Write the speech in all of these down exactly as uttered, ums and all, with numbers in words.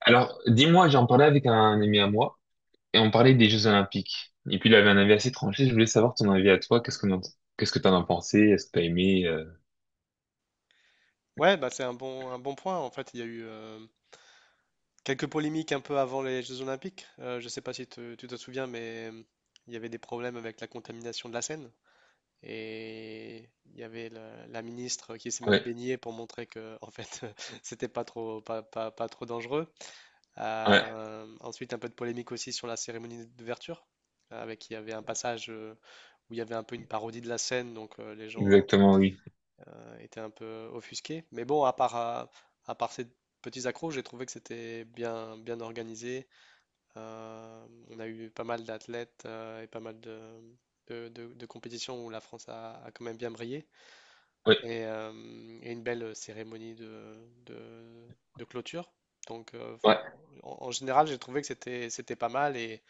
Alors, dis-moi, j'en parlais avec un ami à moi et on parlait des Jeux Olympiques. Et puis il avait un avis assez tranché. Je voulais savoir ton avis à toi. Qu'est-ce que t'en- qu'est-ce que t'en as pensé? Est-ce que t'as aimé? euh, Ouais, bah c'est un bon, un bon point. En fait, il y a eu euh, quelques polémiques un peu avant les Jeux Olympiques. Euh, je ne sais pas si te- tu te souviens, mais euh, il y avait des problèmes avec la contamination de la Seine. Et il y avait la, la ministre qui s'est même Ouais, baignée pour montrer que, en fait, c'était pas trop, pas, pas- pas trop dangereux. ouais, Euh, ensuite, un peu de polémique aussi sur la cérémonie d'ouverture, avec il y avait un passage euh, où il y avait un peu une parodie de la Seine, donc euh, les gens exactement, oui. était un peu offusqué. Mais bon, à part, euh, à part ces petits accros, j'ai trouvé que c'était bien, bien organisé. Euh, on a eu pas mal d'athlètes euh, et pas mal de, de, de- de compétitions où la France a, a quand même bien brillé. Ouais, Et, euh, et une belle cérémonie de, de, de clôture. Donc, euh, ouais, en, En général, j'ai trouvé que c'était, c'était pas mal et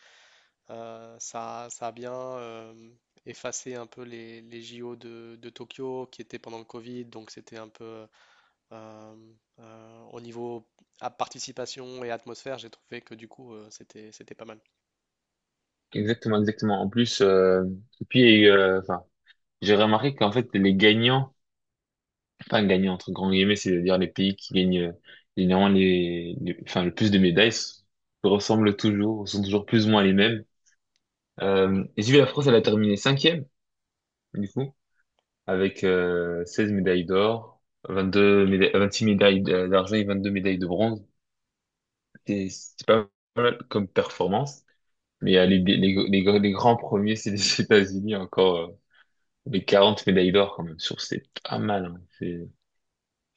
euh, ça, ça a bien euh, effacé un peu les, les J O de, de Tokyo qui étaient pendant le Covid. Donc, c'était un peu euh, euh, au niveau à participation et atmosphère, j'ai trouvé que du coup, euh, c'était, c'était pas mal. exactement, exactement. En plus, euh, et puis, euh, enfin, j'ai remarqué qu'en fait les gagnants, enfin gagnants entre grands guillemets, c'est-à-dire les pays qui gagnent euh, généralement les, les- enfin le plus de médailles, s- ressemblent toujours, sont toujours plus ou moins les mêmes. Euh, et si la France, elle a terminé cinquième du coup, avec euh, seize médailles d'or, vingt-deux médailles, vingt-six médailles d- d'argent et vingt-deux médailles de bronze. C'est c'est pas mal comme performance, mais euh, les, les, les, gr- les grands premiers, c'est les États-Unis, encore euh, les quarante médailles d'or quand même. Je trouve que c'est pas mal, hein. C'est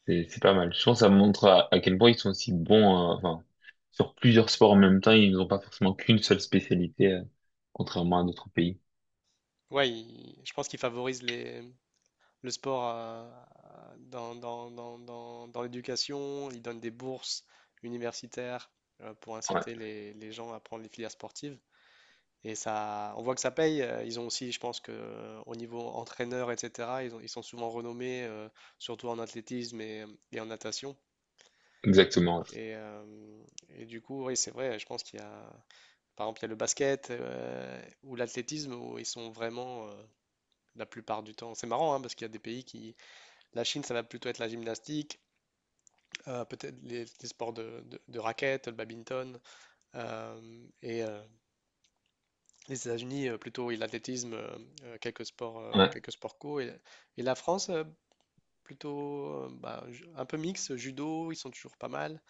c'est- c'est pas mal. Je pense que ça montre à, à quel point ils sont aussi bons, euh, enfin, sur plusieurs sports en même temps, ils n'ont pas forcément qu'une seule spécialité, euh, contrairement à d'autres pays. Ouais, il- je pense qu'il favorise les, le sport euh, dans, dans, dans, dans, dans l'éducation. Il donne des bourses universitaires euh, pour Ouais, inciter les, les gens à prendre les filières sportives. Et ça, on voit que ça paye. Euh, Ils ont aussi, je pense que euh, au niveau entraîneur, et cetera, ils ont- ils sont souvent renommés, euh, surtout en athlétisme et, et en natation. exactement. Et, euh, et du coup, oui, c'est vrai, je pense qu'il y a, par exemple, il y a le basket euh, ou l'athlétisme où ils sont vraiment euh, la plupart du temps. C'est marrant hein, parce qu'il y a des pays qui. La Chine, ça va plutôt être la gymnastique, euh, peut-être les, les sports de, de, de raquettes, le badminton. euh, et euh, les États-Unis, euh, plutôt oui, l'athlétisme, euh, euh, quelques sports, euh, Ouais, quelques sports co. Et, et la France, euh, plutôt euh, bah, ju- un peu mixte, judo, ils sont toujours pas mal.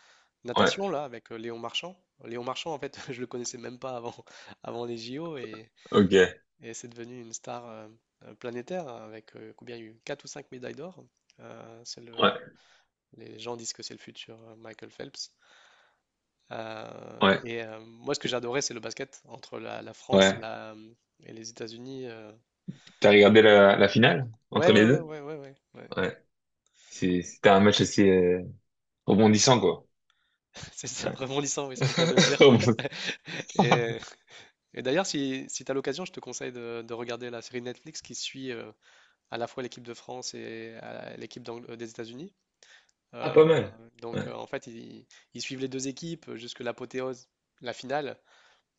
ouais, ouais. Natation, là, avec euh, Léon Marchand. Léon Marchand, en fait, je le connaissais même pas avant, avant les J O. Et, Ok, Et c'est devenu une star euh, euh, planétaire avec euh, combien il y a eu quatre ou cinq médailles d'or. Euh, c'est le- ouais, les gens disent que c'est le futur euh, Michael Phelps. Euh, ouais, et euh, Moi, ce que j'adorais, c'est le basket entre la, la France et, ouais. la, et les États-Unis. Euh. T'as regardé la, la finale Ouais, entre ouais, les ouais, deux? ouais, ouais, ouais, ouais. Ouais. C'est- C'était un match assez euh, rebondissant, quoi. C'est ça, Ouais. rebondissant, oui, c'est le cas de le dire. Rebondissant. Et, et d'ailleurs, si, si tu as l'occasion, je te conseille de, de regarder la série Netflix qui suit euh, à la fois l'équipe de France et euh, l'équipe d'Ang- euh, des États-Unis. Ah, pas Euh, mal. donc Ouais. Euh, en fait, ils, ils suivent les deux équipes euh, jusque l'apothéose, la finale.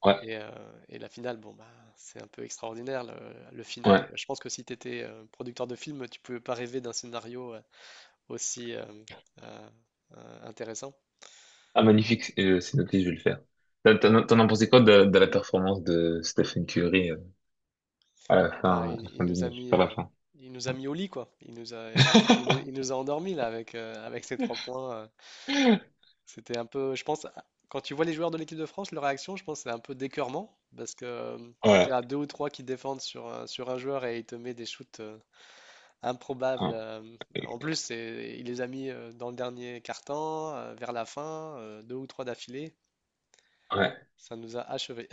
Ouais. Et, euh, et la finale, bon, bah, c'est un peu extraordinaire. Le, le final, Ouais. je pense que si tu étais producteur de film, tu pouvais pas rêver d'un scénario euh, aussi euh, euh, euh, intéressant. Ah, magnifique. euh, C'est noté, je vais le faire. T'en t'en- t'en as pensé quoi de, de la performance de Stephen Curry euh, à la Bah, fin, à il, la il fin du nous a match, mis, vers euh, la fin? il nous a Ouais. mis au lit, quoi. Il nous a, il nous a, il nous- il nous a endormis là avec, euh, avec ces trois points. euh, C'était un peu, je pense, quand tu vois les joueurs de l'équipe de France, leur réaction, je pense, c'est un peu d'écœurement. Parce que euh, quand tu Ouais. as deux ou trois qui défendent sur un, sur un joueur et il te met des shoots euh, improbables, Ouais. euh, en plus, c'est- il les a mis euh, dans le dernier quart-temps, euh, vers la fin, euh, deux ou trois d'affilée, Ouais. ça nous a achevés.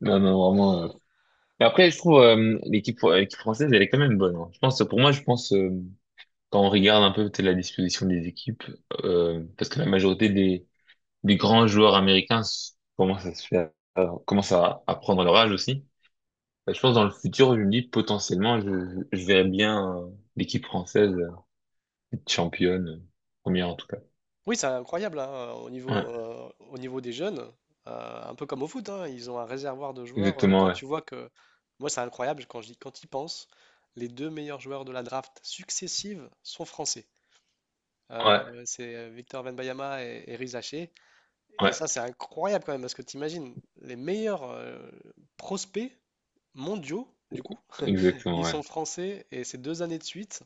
Non, non, vraiment. euh. Mais après, je trouve euh, l'équipe euh, l'équipe française, elle est quand même bonne, hein. Je pense, pour moi, je pense, euh, quand on regarde un peu tu sais, la disposition des équipes, euh, parce que la majorité des, des grands joueurs américains s- commencent à se faire, commencent à, à prendre leur âge aussi. Bah, je pense dans le futur, je me dis potentiellement, je, je verrais bien euh, l'équipe française euh, être championne, euh, première en tout cas. Oui, c'est incroyable hein, au Ouais, niveau, euh, au niveau des jeunes, euh, un peu comme au foot, hein, ils ont un réservoir de joueurs. Euh, exactement, quand ouais. tu vois que, Moi c'est incroyable quand j'y, quand y pense, les deux meilleurs joueurs de la draft successive sont français. Ouais, Euh, c'est euh, Victor Wembanyama et, et Riz Haché. Et ouais, ça c'est incroyable quand même parce que tu imagines les meilleurs euh, prospects mondiaux du coup, exactement, ils ouais. sont français et c'est deux années de suite.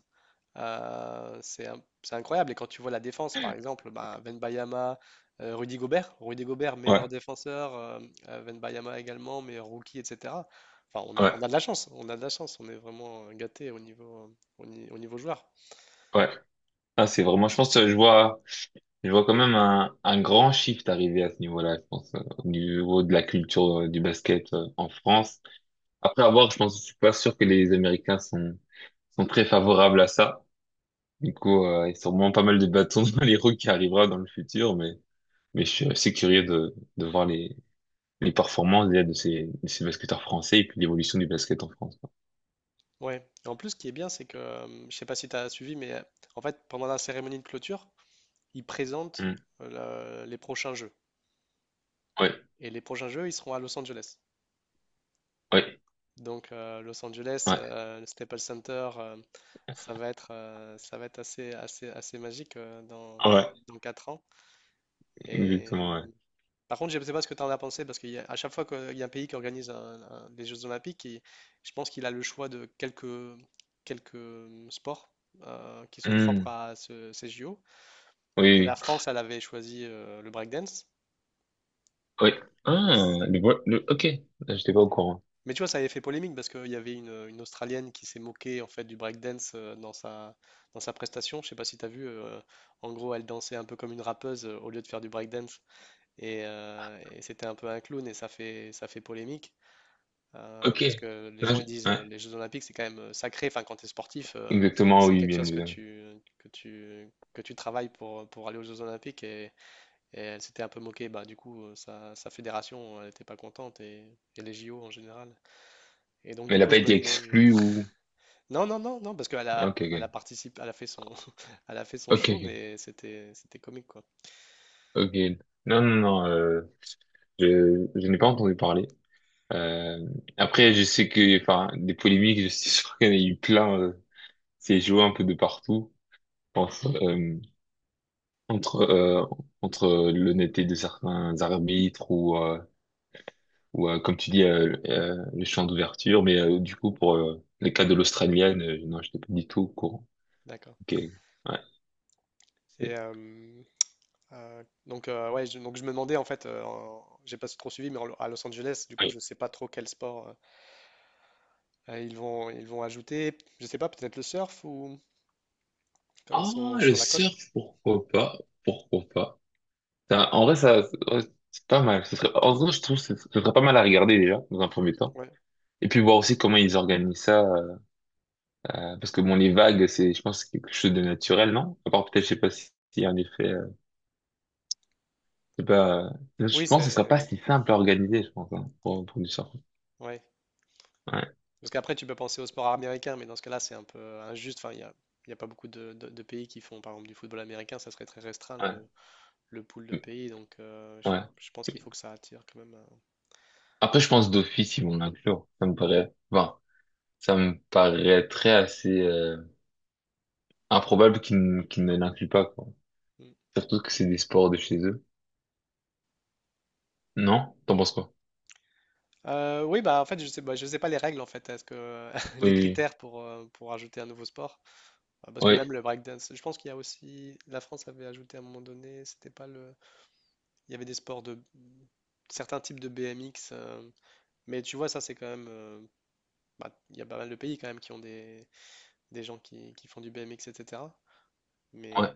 Euh, c'est un- c'est incroyable. Et quand tu vois la défense, par exemple, Ben Wembayama, euh, Rudy Gobert, Rudy Gobert, meilleur Ouais, défenseur, euh, euh, Wembayama également, meilleur rookie, et cetera. Enfin, on a, on ouais, a de la chance, on a de la chance, on est vraiment gâté au niveau, euh, au, ni- au niveau joueur. ouais. Ah, c'est vraiment, je pense, euh, je vois, je vois quand même un, un grand shift arriver à ce niveau-là, je pense, euh, au niveau de la culture euh, du basket euh, en France. Après avoir, je pense, je suis pas sûr que les Américains sont, sont très favorables à ça. Du coup, euh, il y a sûrement pas mal de bâtons dans les roues qui arrivera dans le futur, mais, mais je suis assez curieux de, de voir les, les performances déjà de ces, de ces basketteurs français et puis l'évolution du basket en France, quoi. Ouais. Et en plus, ce qui est bien, c'est que, euh, je sais pas si tu as suivi, mais euh, en fait, pendant la cérémonie de clôture, ils présentent Hmm. euh, la- les prochains jeux. Ouais, Et les prochains jeux, ils seront à Los Angeles. ouais, Donc euh, Los Angeles, ouais, euh, le Staples Center, euh, ça va être, euh, ça va être assez, assez, assez magique euh, dans, dans, ouais, dans quatre ans. Et exactement, ouais. par contre, je ne sais pas ce que tu en as pensé, parce qu'à chaque fois qu'il y a un pays qui organise un- un- des Jeux Olympiques, il- je pense qu'il a le choix de quelques, quelques sports euh, qui sont propres Hmm. à ce- ces J O. Oui, Et la oui, France, elle avait choisi euh, le breakdance. oui. Ah, le, vo- le, ok, là, j'étais pas au courant. Mais tu vois, ça avait fait polémique parce qu'il y avait une, une Australienne qui s'est moquée en fait du breakdance euh, dans sa, dans sa prestation. Je sais pas si tu as vu, euh, en gros, elle dansait un peu comme une rappeuse euh, au lieu de faire du breakdance. Et, euh, et c'était un peu un clown et ça fait, ça fait polémique. euh, Ok, Parce que les là, gens je- ils disent ouais, euh, les Jeux Olympiques c'est quand même euh, sacré. Enfin, quand tu es sportif, euh, exactement, c'est oui, quelque bien chose que évidemment. tu, que tu, que tu travailles pour, pour aller aux Jeux Olympiques. Et, et elle s'était un peu moquée. Bah, du coup, euh, sa, sa fédération, elle n'était pas contente et, et les J O en général. Et donc Mais du elle a coup, pas je me été demande. exclue ou... Non, non, non, non, parce qu'elle Ok, a, elle a ok, participé, elle a fait son, elle a fait son ok, show, ok. mais c'était, c'était comique quoi. Ok. Non, non, non, euh, je, je n'ai pas entendu parler. Euh, Après, je sais que, enfin, des polémiques, je suis sûr qu'il y en a eu plein. Euh, c'est joué un peu de partout. Je pense, euh, entre, euh, entre l'honnêteté de certains arbitres ou, euh, ou euh, comme tu dis, euh, euh, le champ d'ouverture. Mais euh, du coup, pour euh, le cas de l'Australienne, euh, non, je n'étais pas du tout au courant. Ok. D'accord. Ouais. Et c'est- euh, euh, donc euh, ouais, je, donc je me demandais en fait, euh, en- j'ai pas trop suivi, mais en- à Los Angeles, du coup, je ouais. sais pas trop quel sport euh, euh, ils vont, ils vont ajouter. Je sais pas, peut-être le surf ou comme ils Ah, sont le sur la côte. surf, pourquoi pas? Pourquoi pas? Ça- En vrai, ça, ouais, c'est pas mal. Ce serait, en vrai, je trouve que ce ce serait pas mal à regarder déjà, dans un premier temps. Ouais. Et puis voir aussi comment ils organisent ça. Euh, euh, parce que bon, les vagues, c'est, je pense, quelque chose de naturel, non? À part peut-être, je sais pas si, si en effet, euh, je sais pas, euh, Oui, je pense que ce serait pas c'est, si simple à organiser, je pense, hein, pour, pour du surf. ouais. Ouais, Parce qu'après, tu peux penser au sport américain, mais dans ce cas-là, c'est un peu injuste. Enfin, il y a, il y a pas beaucoup de, de- de pays qui font, par exemple, du football américain. Ça serait très restreint ouais, le pool de mm, pays. Donc, euh, je, ouais. je pense qu'il faut que ça attire quand même. euh, Après, je pense d'office, ils vont l'inclure. Ça me paraît, bon, ça me paraîtrait assez, euh, improbable qu'ils, n- qu'ils ne l'incluent pas, quoi. Mm. Surtout que c'est des sports de chez eux. Non? T'en penses quoi? Euh, oui, bah en fait, je sais, bah, je sais pas les règles en fait. Est-ce que Oui, les oui, oui. critères pour euh, pour ajouter un nouveau sport? Euh, Parce que Ouais, même le breakdance, je pense qu'il y a aussi. La France avait ajouté à un moment donné. C'était pas le. Il y avait des sports de certains types de B M X. Euh, mais tu vois, ça c'est quand même. Euh, bah, il y a pas mal de pays quand même qui ont des des gens qui qui font du B M X, et cetera. ouais. Mais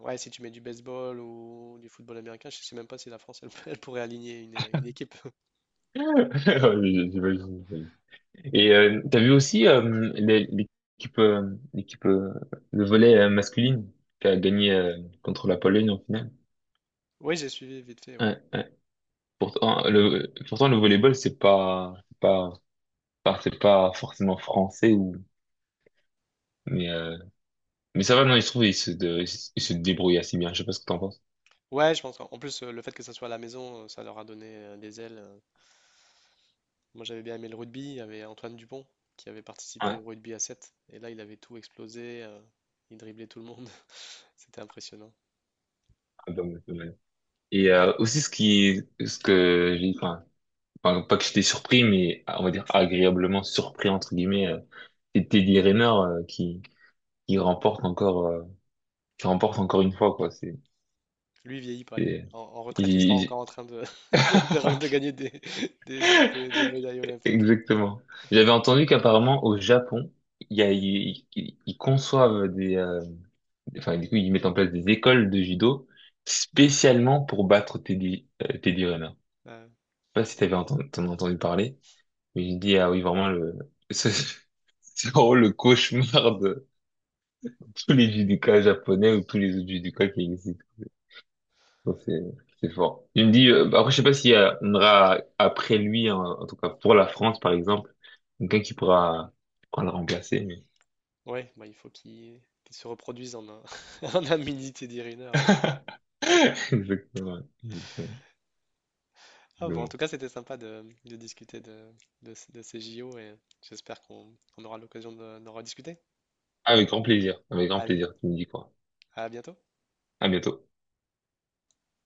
ouais, si tu mets du baseball ou du football américain, je sais même pas si la France elle, elle pourrait aligner une, une équipe. Ouais, j'imagine, j'imagine. Et euh, t'as vu aussi euh, l'é- l'équipe euh, l'équipe euh, le volley euh, masculine qui a gagné euh, contre la Pologne en finale. Oui, j'ai suivi vite fait, ouais. Ouais, ouais. Pourtant le pourtant le volleyball c'est pas c'est pas pas- c'est pas forcément français ou mais euh, mais ça va non ils se trouvent ils se de- ils se débrouillent assez bien. Je sais pas ce que t'en penses. Ouais, je pense qu'en en plus euh, le fait que ça soit à la maison, euh, ça leur a donné euh, des ailes. Euh. Moi, j'avais bien aimé le rugby, il y avait Antoine Dupont qui avait Ouais. participé au Ah, rugby à sept et là, il avait tout explosé, euh, il driblait tout le monde. C'était impressionnant. pas mal, pas mal. Et euh, aussi ce qui ce que j'ai enfin enfin, non pas que j'étais surpris, mais on va dire agréablement surpris entre guillemets. euh, C'est Teddy Riner euh, qui qui remporte encore euh, qui remporte encore une fois, quoi. C'est Lui, il vieillit pas lui. c'est- En, en il- retraite, il sera encore il- en train de de, de- de gagner des, des, des- des- des médailles olympiques. Exactement. J'avais entendu qu'apparemment au Japon il y a ils ils- ils conçoivent des euh, enfin du coup ils mettent en place des écoles de judo spécialement pour battre Teddy euh, Teddy Riner. Ouais. Je sais pas si t'avais entendu, t'en as entendu parler, mais j'ai dit ah oui vraiment le ce- c'est vraiment le cauchemar tous les judokas japonais ou tous les autres judokas qui existent. Ça, C'est c'est fort. Il me dit, euh, bah, après, je sais pas s'il y a- on aura après lui, en, en tout cas pour la France, par exemple, quelqu'un qui pourra, qui pourra le remplacer. Mais... Ouais, bah, il faut qu'ils qu'ils se reproduisent en un, en un mini Teddy Riner. Ouais. Exactement, exactement. Ah bon, en Exactement. tout cas, c'était sympa de, de discuter de, de, de ces J O et j'espère qu'on on aura l'occasion de- d'en rediscuter. Avec grand plaisir, avec grand Allez, plaisir, tu me dis quoi. à bientôt. À bientôt.